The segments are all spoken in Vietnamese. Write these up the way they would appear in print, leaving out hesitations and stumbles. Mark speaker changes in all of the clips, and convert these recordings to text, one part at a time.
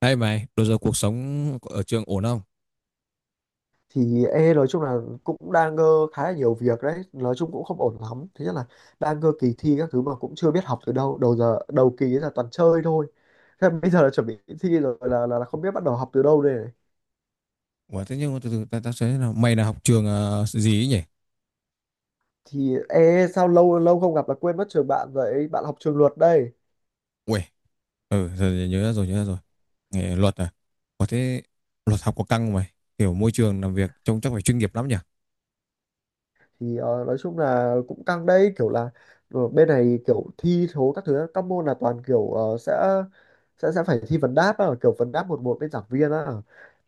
Speaker 1: Hay mày, bây giờ cuộc sống ở trường ổn không?
Speaker 2: Thì e nói chung là cũng đang ngơ khá là nhiều việc đấy, nói chung cũng không ổn lắm. Thứ nhất là đang ngơ kỳ thi các thứ mà cũng chưa biết học từ đâu, đầu giờ đầu kỳ ấy là toàn chơi thôi. Thế mà bây giờ là chuẩn bị thi rồi là, là không biết bắt đầu học từ đâu đây này.
Speaker 1: Ủa, thế nhưng mà từ từ ta sẽ thế nào? Mày là học trường gì ấy nhỉ?
Speaker 2: Thì e sao, lâu lâu không gặp là quên mất trường bạn, vậy bạn học trường luật đây.
Speaker 1: Uầy, ừ, giờ nhớ ra rồi, nhớ ra rồi. Nghề luật à? Ủa thế luật học có căng không mày? Kiểu môi trường làm việc trông chắc phải chuyên nghiệp lắm nhỉ?
Speaker 2: Thì nói chung là cũng căng đấy, kiểu là bên này kiểu thi thố các thứ, các môn là toàn kiểu sẽ sẽ phải thi vấn đáp á, kiểu vấn đáp một một bên giảng viên á.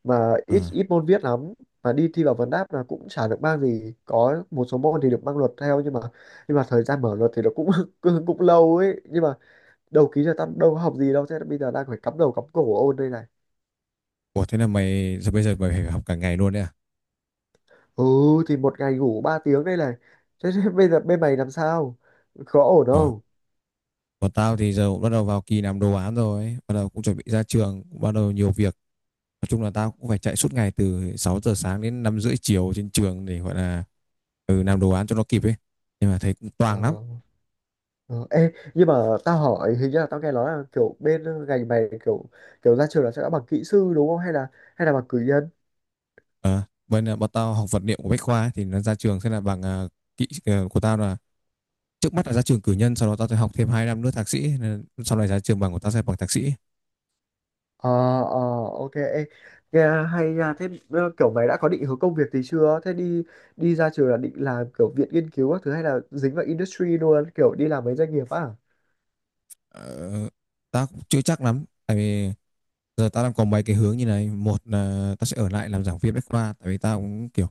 Speaker 2: Mà ít
Speaker 1: À.
Speaker 2: ít môn viết lắm. Mà đi thi vào vấn đáp là cũng chả được mang gì, có một số môn thì được mang luật theo, nhưng mà thời gian mở luật thì nó cũng cũng lâu ấy, nhưng mà đầu ký giờ tao đâu có học gì đâu, thế bây giờ đang phải cắm đầu cắm cổ ôn đây này.
Speaker 1: Ủa thế là mày, bây giờ mày phải học cả ngày luôn đấy à?
Speaker 2: Ừ, thì một ngày ngủ 3 tiếng đây này. Thế, thế bây giờ bên mày làm sao, có ổn
Speaker 1: Ờ.
Speaker 2: không?
Speaker 1: Còn tao thì giờ cũng bắt đầu vào kỳ làm đồ án rồi ấy. Bắt đầu cũng chuẩn bị ra trường, cũng bắt đầu nhiều việc. Nói chung là tao cũng phải chạy suốt ngày từ 6 giờ sáng đến 5 rưỡi chiều trên trường để gọi là làm đồ án cho nó kịp ấy. Nhưng mà thấy cũng
Speaker 2: Ờ.
Speaker 1: toang lắm.
Speaker 2: Ờ, ê, nhưng mà tao hỏi, hình như là tao nghe nói là kiểu bên ngành mày kiểu kiểu ra trường là sẽ đã bằng kỹ sư đúng không, hay là bằng cử nhân?
Speaker 1: Ờ, bọn tao học vật liệu của Bách Khoa ấy, thì nó ra trường sẽ là bằng kỹ của tao là, trước mắt là ra trường cử nhân, sau đó tao sẽ học thêm 2 năm nữa thạc sĩ, nên sau này ra trường bằng của tao sẽ bằng thạc sĩ.
Speaker 2: Ờ. Ờ, OK, ê, nghe hay nha. Thế kiểu mày đã có định hướng công việc gì chưa? Thế đi đi ra trường là định làm kiểu viện nghiên cứu các thứ hay là dính vào industry luôn, kiểu đi làm mấy doanh nghiệp á?
Speaker 1: ờ, Tao cũng chưa chắc lắm, tại vì giờ tao đang có mấy cái hướng như này: một là tao sẽ ở lại làm giảng viên Bách Khoa, tại vì tao cũng kiểu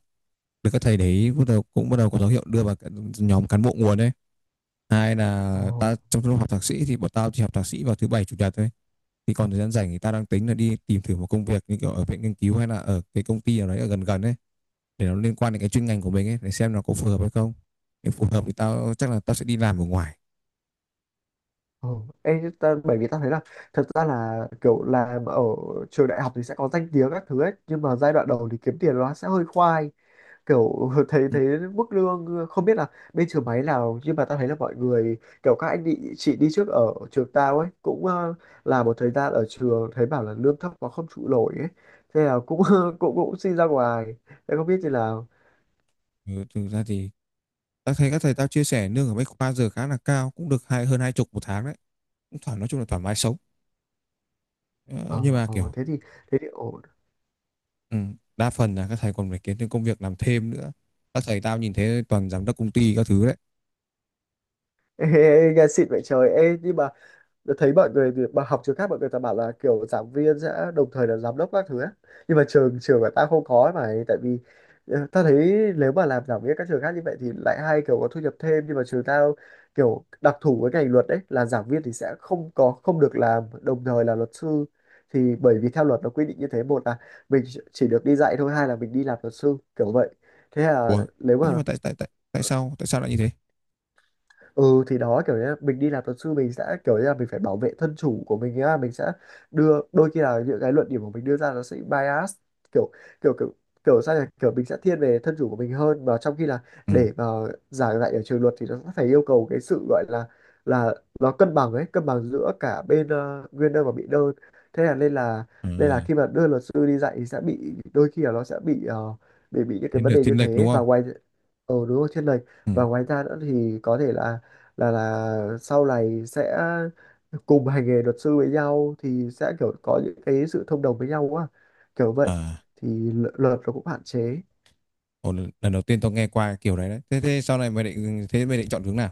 Speaker 1: được các thầy đấy bắt đầu cũng bắt đầu có dấu hiệu đưa vào cái nhóm cán bộ nguồn đấy. Hai
Speaker 2: Ờ.
Speaker 1: là ta, trong lúc học thạc sĩ thì bọn tao chỉ học thạc sĩ vào thứ bảy chủ nhật thôi, thì còn thời gian rảnh thì tao đang tính là đi tìm thử một công việc như kiểu ở viện nghiên cứu hay là ở cái công ty nào đấy ở gần gần ấy, để nó liên quan đến cái chuyên ngành của mình ấy, để xem nó có phù hợp hay không. Nếu phù hợp thì tao chắc là tao sẽ đi làm ở ngoài.
Speaker 2: Ồ, ê, ta, bởi vì ta thấy là, thật ra là kiểu làm ở trường đại học thì sẽ có danh tiếng các thứ ấy, nhưng mà giai đoạn đầu thì kiếm tiền nó sẽ hơi khoai, kiểu thấy
Speaker 1: Ừ.
Speaker 2: thấy mức lương không biết là bên trường máy nào, nhưng mà ta thấy là mọi người, kiểu các anh đi chị đi trước ở trường tao ấy cũng làm một thời gian ở trường thấy bảo là lương thấp quá không trụ nổi ấy, thế là cũng cũng cũng xin ra ngoài. Thế không biết thì là.
Speaker 1: Ừ, thực ra thì tao thấy các thầy tao chia sẻ lương ở Bách Khoa giờ khá là cao, cũng được hai hơn hai chục một tháng đấy, cũng thoải nói chung là thoải mái sống. Ờ,
Speaker 2: Ờ,
Speaker 1: nhưng mà
Speaker 2: ờ,
Speaker 1: kiểu,
Speaker 2: thế thì ổn.
Speaker 1: ừ, đa phần là các thầy còn phải kiếm thêm công việc làm thêm nữa. Các thầy tao nhìn thấy toàn giám đốc công ty các thứ đấy.
Speaker 2: ê, ê, ê, nghe xịn vậy trời, ê, nhưng mà đã thấy mọi người bà học trường khác, mọi người ta bảo là kiểu giảng viên sẽ đồng thời là giám đốc các thứ á. Nhưng mà trường trường của ta không có ấy, mà tại vì ta thấy nếu mà làm giảng viên các trường khác như vậy thì lại hay kiểu có thu nhập thêm, nhưng mà trường tao kiểu đặc thù với ngành luật đấy là giảng viên thì sẽ không được làm đồng thời là luật sư. Thì bởi vì theo luật nó quy định như thế, một là mình chỉ được đi dạy thôi, hai là mình đi làm luật sư kiểu vậy. Thế là
Speaker 1: Ủa
Speaker 2: nếu
Speaker 1: thế nhưng
Speaker 2: mà
Speaker 1: mà tại tại tại tại sao lại như thế?
Speaker 2: ừ, thì đó, kiểu như là mình đi làm luật sư mình sẽ kiểu như là mình phải bảo vệ thân chủ của mình á, mình sẽ đưa, đôi khi là những cái luận điểm của mình đưa ra nó sẽ bias, kiểu kiểu kiểu kiểu sao nhỉ, kiểu mình sẽ thiên về thân chủ của mình hơn, mà trong khi là
Speaker 1: Ừ.
Speaker 2: để mà giảng dạy ở trường luật thì nó sẽ phải yêu cầu cái sự gọi là là nó cân bằng ấy, cân bằng giữa cả bên nguyên đơn và bị đơn. Thế là nên là
Speaker 1: À,
Speaker 2: khi mà đưa luật sư đi dạy thì sẽ bị, đôi khi là nó sẽ bị bị những cái vấn đề như
Speaker 1: thiên lệch đúng
Speaker 2: thế. Và
Speaker 1: không?
Speaker 2: ngoài, ờ đúng rồi, thiên lệch.
Speaker 1: Ừ.
Speaker 2: Và ngoài ra nữa thì có thể là là sau này sẽ cùng hành nghề luật sư với nhau thì sẽ kiểu có những cái sự thông đồng với nhau quá, kiểu vậy
Speaker 1: À,
Speaker 2: thì luật nó cũng hạn chế.
Speaker 1: ồ, lần đầu tiên tao nghe qua kiểu đấy đấy. Thế thế sau này mày định, thế mày định chọn hướng nào?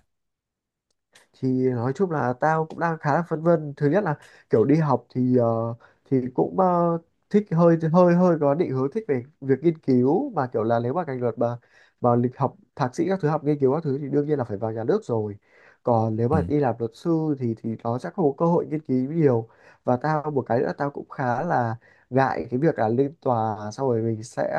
Speaker 2: Thì nói chung là tao cũng đang khá là phân vân. Thứ nhất là kiểu đi học thì thì cũng thích, hơi hơi hơi có định hướng thích về việc nghiên cứu, mà kiểu là nếu mà ngành luật mà lịch học thạc sĩ các thứ, học nghiên cứu các thứ thì đương nhiên là phải vào nhà nước rồi. Còn nếu
Speaker 1: Ừ.
Speaker 2: mà đi làm luật sư thì nó sẽ không có cơ hội nghiên cứu nhiều. Và tao một cái nữa tao cũng khá là ngại cái việc là lên tòa xong rồi mình sẽ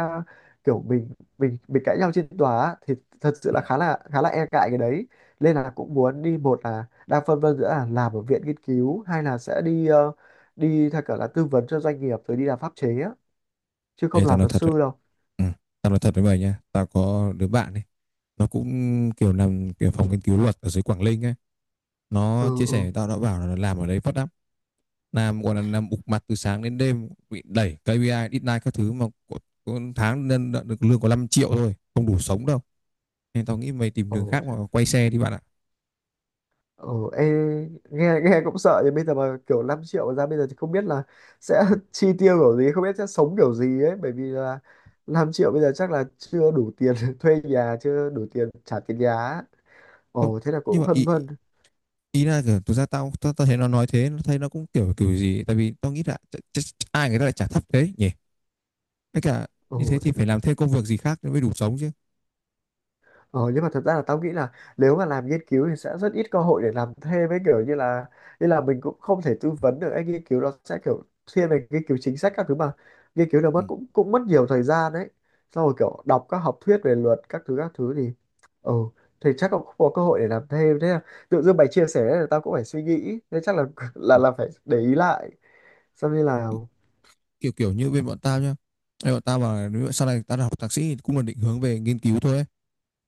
Speaker 2: kiểu, mình cãi nhau trên tòa á, thì thật sự là khá là, khá là e ngại cái đấy. Nên là cũng muốn đi, một là đang phân vân giữa là làm ở viện nghiên cứu hay là sẽ đi đi theo kiểu là tư vấn cho doanh nghiệp rồi đi làm pháp chế á, chứ không
Speaker 1: Ê, tao
Speaker 2: làm
Speaker 1: nói
Speaker 2: luật
Speaker 1: thật đấy.
Speaker 2: sư đâu.
Speaker 1: Ừ. Tao nói thật với mày nha. Tao có đứa bạn ấy. Nó cũng kiểu làm kiểu phòng nghiên cứu luật ở dưới Quảng Ninh ấy. Nó
Speaker 2: Ừ,
Speaker 1: chia
Speaker 2: ừ.
Speaker 1: sẻ với tao, nó bảo là làm ở đấy phát lắm. Làm còn là làm bục mặt từ sáng đến đêm, bị đẩy KPI, deadline các thứ, mà có tháng nên đã được lương có 5 triệu thôi, không đủ sống đâu. Nên tao nghĩ mày tìm đường
Speaker 2: Ồ,
Speaker 1: khác mà quay xe đi bạn ạ.
Speaker 2: ồ, ê, nghe nghe cũng sợ, nhưng bây giờ mà kiểu 5 triệu mà ra bây giờ thì không biết là sẽ chi tiêu kiểu gì, không biết sẽ sống kiểu gì ấy, bởi vì là 5 triệu bây giờ chắc là chưa đủ tiền thuê nhà, chưa đủ tiền trả tiền nhà á.
Speaker 1: Không,
Speaker 2: Ồ, thế là
Speaker 1: nhưng
Speaker 2: cũng
Speaker 1: mà
Speaker 2: phân
Speaker 1: ý,
Speaker 2: vân.
Speaker 1: ý là kiểu thực ra tao tao, tao thấy nó nói thế, nó thấy nó cũng kiểu kiểu gì, tại vì tao nghĩ là ai người ta lại trả thấp thế nhỉ, tất cả
Speaker 2: Ồ.
Speaker 1: như thế thì phải làm thêm công việc gì khác mới đủ sống chứ.
Speaker 2: Ờ, nhưng mà thật ra là tao nghĩ là nếu mà làm nghiên cứu thì sẽ rất ít cơ hội để làm thêm ấy, kiểu như là mình cũng không thể tư vấn được, anh nghiên cứu nó sẽ kiểu thiên về nghiên cứu chính sách các thứ, mà nghiên cứu nó
Speaker 1: Ừ.
Speaker 2: mất cũng, mất nhiều thời gian đấy, xong rồi kiểu đọc các học thuyết về luật các thứ thì, ừ, thì chắc cũng không có cơ hội để làm thêm. Thế là tự dưng mày chia sẻ là tao cũng phải suy nghĩ, thế chắc là là phải để ý lại, xong như là.
Speaker 1: Kiểu kiểu như bên bọn tao nhá. Ê, bọn tao mà nếu sau này tao học thạc sĩ thì cũng là định hướng về nghiên cứu thôi ấy.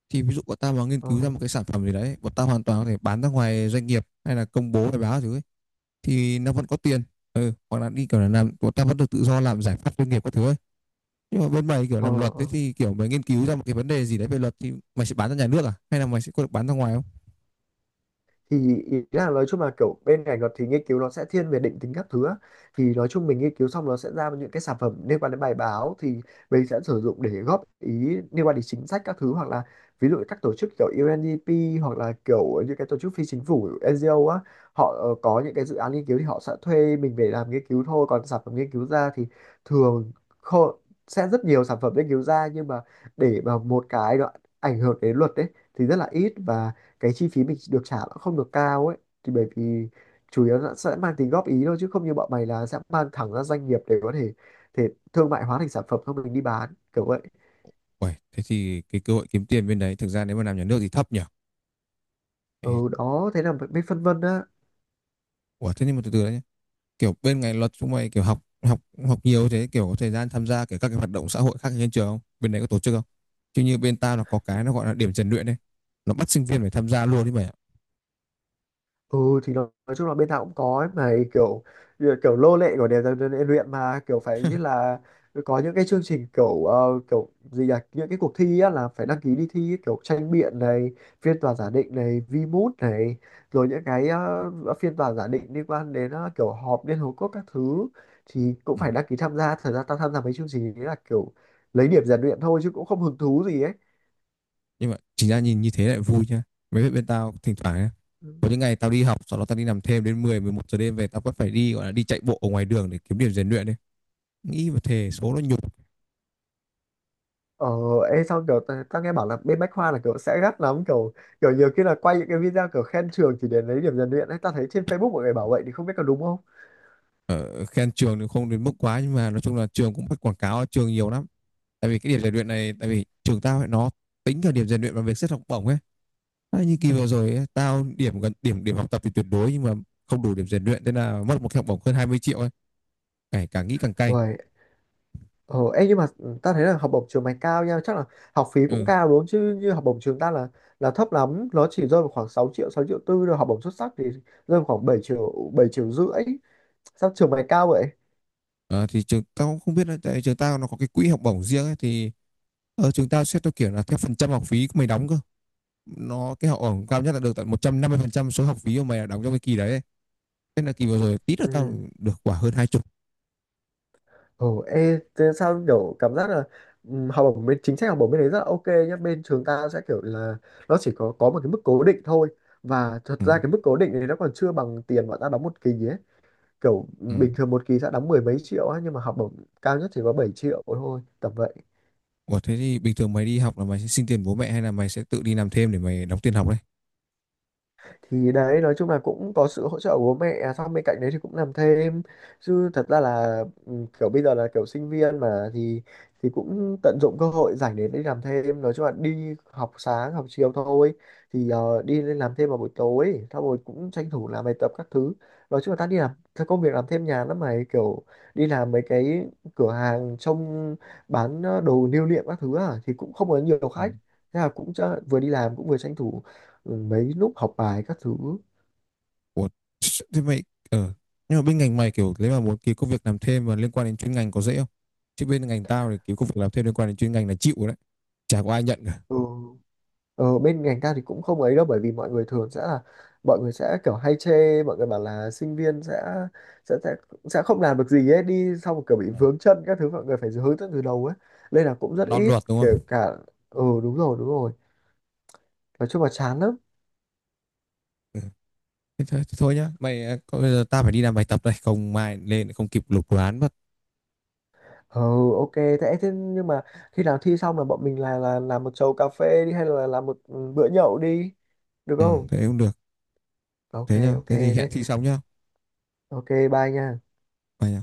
Speaker 1: Thì ví dụ bọn tao mà nghiên
Speaker 2: Ờ,
Speaker 1: cứu ra một cái sản phẩm gì đấy, bọn tao hoàn toàn có thể bán ra ngoài doanh nghiệp hay là công bố bài báo thứ ấy. Thì nó vẫn có tiền. Ừ, hoặc là đi kiểu là làm, bọn tao vẫn được tự do làm giải pháp doanh nghiệp các thứ ấy. Nhưng mà bên mày kiểu
Speaker 2: ờ,
Speaker 1: làm luật thế,
Speaker 2: ờ,
Speaker 1: thì kiểu mày nghiên cứu ra một cái vấn đề gì đấy về luật thì mày sẽ bán ra nhà nước à? Hay là mày sẽ có được bán ra ngoài không?
Speaker 2: thì ý là nói chung là kiểu bên ngành luật thì nghiên cứu nó sẽ thiên về định tính các thứ á. Thì nói chung mình nghiên cứu xong nó sẽ ra những cái sản phẩm liên quan đến bài báo thì mình sẽ sử dụng để góp ý liên quan đến chính sách các thứ, hoặc là ví dụ các tổ chức kiểu UNDP, hoặc là kiểu những cái tổ chức phi chính phủ NGO á, họ có những cái dự án nghiên cứu thì họ sẽ thuê mình về làm nghiên cứu thôi. Còn sản phẩm nghiên cứu ra thì thường kho- sẽ rất nhiều sản phẩm nghiên cứu ra, nhưng mà để mà một cái nó ảnh hưởng đến luật đấy thì rất là ít. Và cái chi phí mình được trả nó không được cao ấy, thì bởi vì chủ yếu nó sẽ mang tính góp ý thôi, chứ không như bọn mày là sẽ mang thẳng ra doanh nghiệp để có thể thể thương mại hóa thành sản phẩm xong mình đi bán kiểu vậy.
Speaker 1: Uầy, thế thì cái cơ hội kiếm tiền bên đấy, thực ra nếu mà làm nhà nước thì thấp nhỉ?
Speaker 2: Ừ đó, thế là mới phân vân á.
Speaker 1: Ủa thế nhưng mà từ từ đấy nhé. Kiểu bên ngành luật chúng mày kiểu học học học nhiều thế, kiểu có thời gian tham gia kiểu các cái hoạt động xã hội khác trên trường không? Bên đấy có tổ chức không? Chứ như bên tao là có cái nó gọi là điểm rèn luyện đấy. Nó bắt sinh viên phải tham gia luôn đấy mày ạ.
Speaker 2: Ừ, thì nói chung là bên nào cũng có ấy, mà kiểu kiểu lô lệ của đèn dần dần luyện luyện mà kiểu phải như là có những cái chương trình kiểu kiểu gì là những cái cuộc thi á, là phải đăng ký đi thi ấy, kiểu tranh biện này, phiên tòa giả định này, VMoot này, rồi những cái phiên tòa giả định liên quan đến kiểu họp Liên Hợp Quốc các thứ, thì cũng
Speaker 1: Ừ.
Speaker 2: phải đăng ký tham gia. Thật ra tao tham gia mấy chương trình đấy là kiểu lấy điểm rèn luyện thôi chứ cũng không hứng thú gì ấy.
Speaker 1: Nhưng mà chính ra nhìn như thế lại vui nhá, mấy bên, bên tao thỉnh thoảng nhá, có những ngày tao đi học sau đó tao đi nằm thêm đến mười mười một giờ đêm, về tao vẫn phải đi gọi là đi chạy bộ ở ngoài đường để kiếm điểm rèn luyện đấy, nghĩ và thề số nó nhục.
Speaker 2: Ờ, ê sao kiểu tao tao nghe bảo là bên Bách Khoa là kiểu sẽ gắt lắm, kiểu kiểu nhiều khi là quay những cái video kiểu khen trường chỉ để lấy điểm rèn luyện ấy, tao thấy trên Facebook mọi người bảo vậy thì không biết có đúng không?
Speaker 1: Ở khen trường thì không đến mức quá, nhưng mà nói chung là trường cũng bắt quảng cáo trường nhiều lắm, tại vì cái điểm rèn luyện này, tại vì trường tao ấy, nó tính cả điểm rèn luyện và việc xét học bổng ấy. À, như kỳ vừa rồi ấy, tao điểm, gần điểm điểm học tập thì tuyệt đối, nhưng mà không đủ điểm rèn luyện, thế là mất một cái học bổng hơn 20 triệu ấy, cả, cả nghĩ càng cay.
Speaker 2: Uầy, ờ, ê nhưng mà tao thấy là học bổng trường mày cao nha, chắc là học phí cũng
Speaker 1: Ừ.
Speaker 2: cao đúng không? Chứ như học bổng trường ta là thấp lắm, nó chỉ rơi vào khoảng 6 triệu, 6,4 triệu, rồi học bổng xuất sắc thì rơi vào khoảng 7 triệu, 7,5 triệu. Sao trường mày cao vậy?
Speaker 1: Ờ, thì trường tao cũng không biết nữa, tại trường tao nó có cái quỹ học bổng riêng ấy, thì ở trường tao xét theo kiểu là theo phần trăm học phí của mày đóng cơ, nó cái học bổng cao nhất là được tận 150% số học phí của mày đã đóng trong cái kỳ đấy ấy. Thế là kỳ vừa rồi tí nữa tao
Speaker 2: Ừ.
Speaker 1: được quả hơn hai chục.
Speaker 2: Ồ, ê, thế sao kiểu cảm giác là học bổng bên chính sách, học bổng bên đấy rất là OK nhá bên trường ta sẽ kiểu là nó chỉ có một cái mức cố định thôi, và thật
Speaker 1: Ừ.
Speaker 2: ra cái mức cố định này nó còn chưa bằng tiền bọn ta đóng một kỳ ấy, kiểu
Speaker 1: Ừ.
Speaker 2: bình thường một kỳ sẽ đóng mười mấy triệu ấy, nhưng mà học bổng cao nhất chỉ có 7 triệu thôi tầm vậy.
Speaker 1: Ủa thế thì bình thường mày đi học là mày sẽ xin tiền bố mẹ hay là mày sẽ tự đi làm thêm để mày đóng tiền học đấy?
Speaker 2: Thì đấy nói chung là cũng có sự hỗ trợ của bố mẹ, à xong bên cạnh đấy thì cũng làm thêm, chứ thật ra là ừ, kiểu bây giờ là kiểu sinh viên mà thì cũng tận dụng cơ hội rảnh để đi làm thêm. Nói chung là đi học sáng học chiều thôi, thì đi lên làm thêm vào buổi tối xong rồi cũng tranh thủ làm bài tập các thứ. Nói chung là ta đi làm cái công việc làm thêm nhàn lắm mày, kiểu đi làm mấy cái cửa hàng trông bán đồ lưu niệm các thứ à, thì cũng không có nhiều
Speaker 1: Ừ.
Speaker 2: khách. Thế là cũng vừa đi làm cũng vừa tranh thủ, ừ, mấy lúc học bài các thứ.
Speaker 1: Ủa thế mày, ờ nhưng mà bên ngành mày kiểu nếu mà muốn kiếm công việc làm thêm mà liên quan đến chuyên ngành có dễ không, chứ bên ngành tao thì kiếm công việc làm thêm liên quan đến chuyên ngành là chịu rồi đấy, chả có ai nhận cả.
Speaker 2: Ừ. Bên ngành ta thì cũng không ấy đâu, bởi vì mọi người thường sẽ là, mọi người sẽ kiểu hay chê, mọi người bảo là sinh viên sẽ sẽ sẽ, sẽ không làm được gì ấy, đi xong rồi kiểu bị
Speaker 1: Ừ.
Speaker 2: vướng chân các thứ, mọi người phải hướng dẫn từ đầu ấy, nên là cũng rất
Speaker 1: Non
Speaker 2: ít
Speaker 1: luật đúng
Speaker 2: kể
Speaker 1: không?
Speaker 2: cả. Ừ đúng rồi, đúng rồi, nói chung là chán lắm.
Speaker 1: Ừ. Thế thôi nhá mày à, có- bây giờ ta phải đi làm bài tập đây, không mai lên lại không kịp lục đồ án mất.
Speaker 2: Ừ, OK thế, nhưng mà khi nào thi xong là bọn mình là làm một chầu cà phê đi, hay là làm một bữa nhậu đi, được
Speaker 1: Ừ,
Speaker 2: không?
Speaker 1: thế cũng được.
Speaker 2: OK.
Speaker 1: Thế nhá,
Speaker 2: OK
Speaker 1: thế thì hẹn
Speaker 2: thế.
Speaker 1: thi xong nhá,
Speaker 2: OK bye nha.
Speaker 1: mày nhá.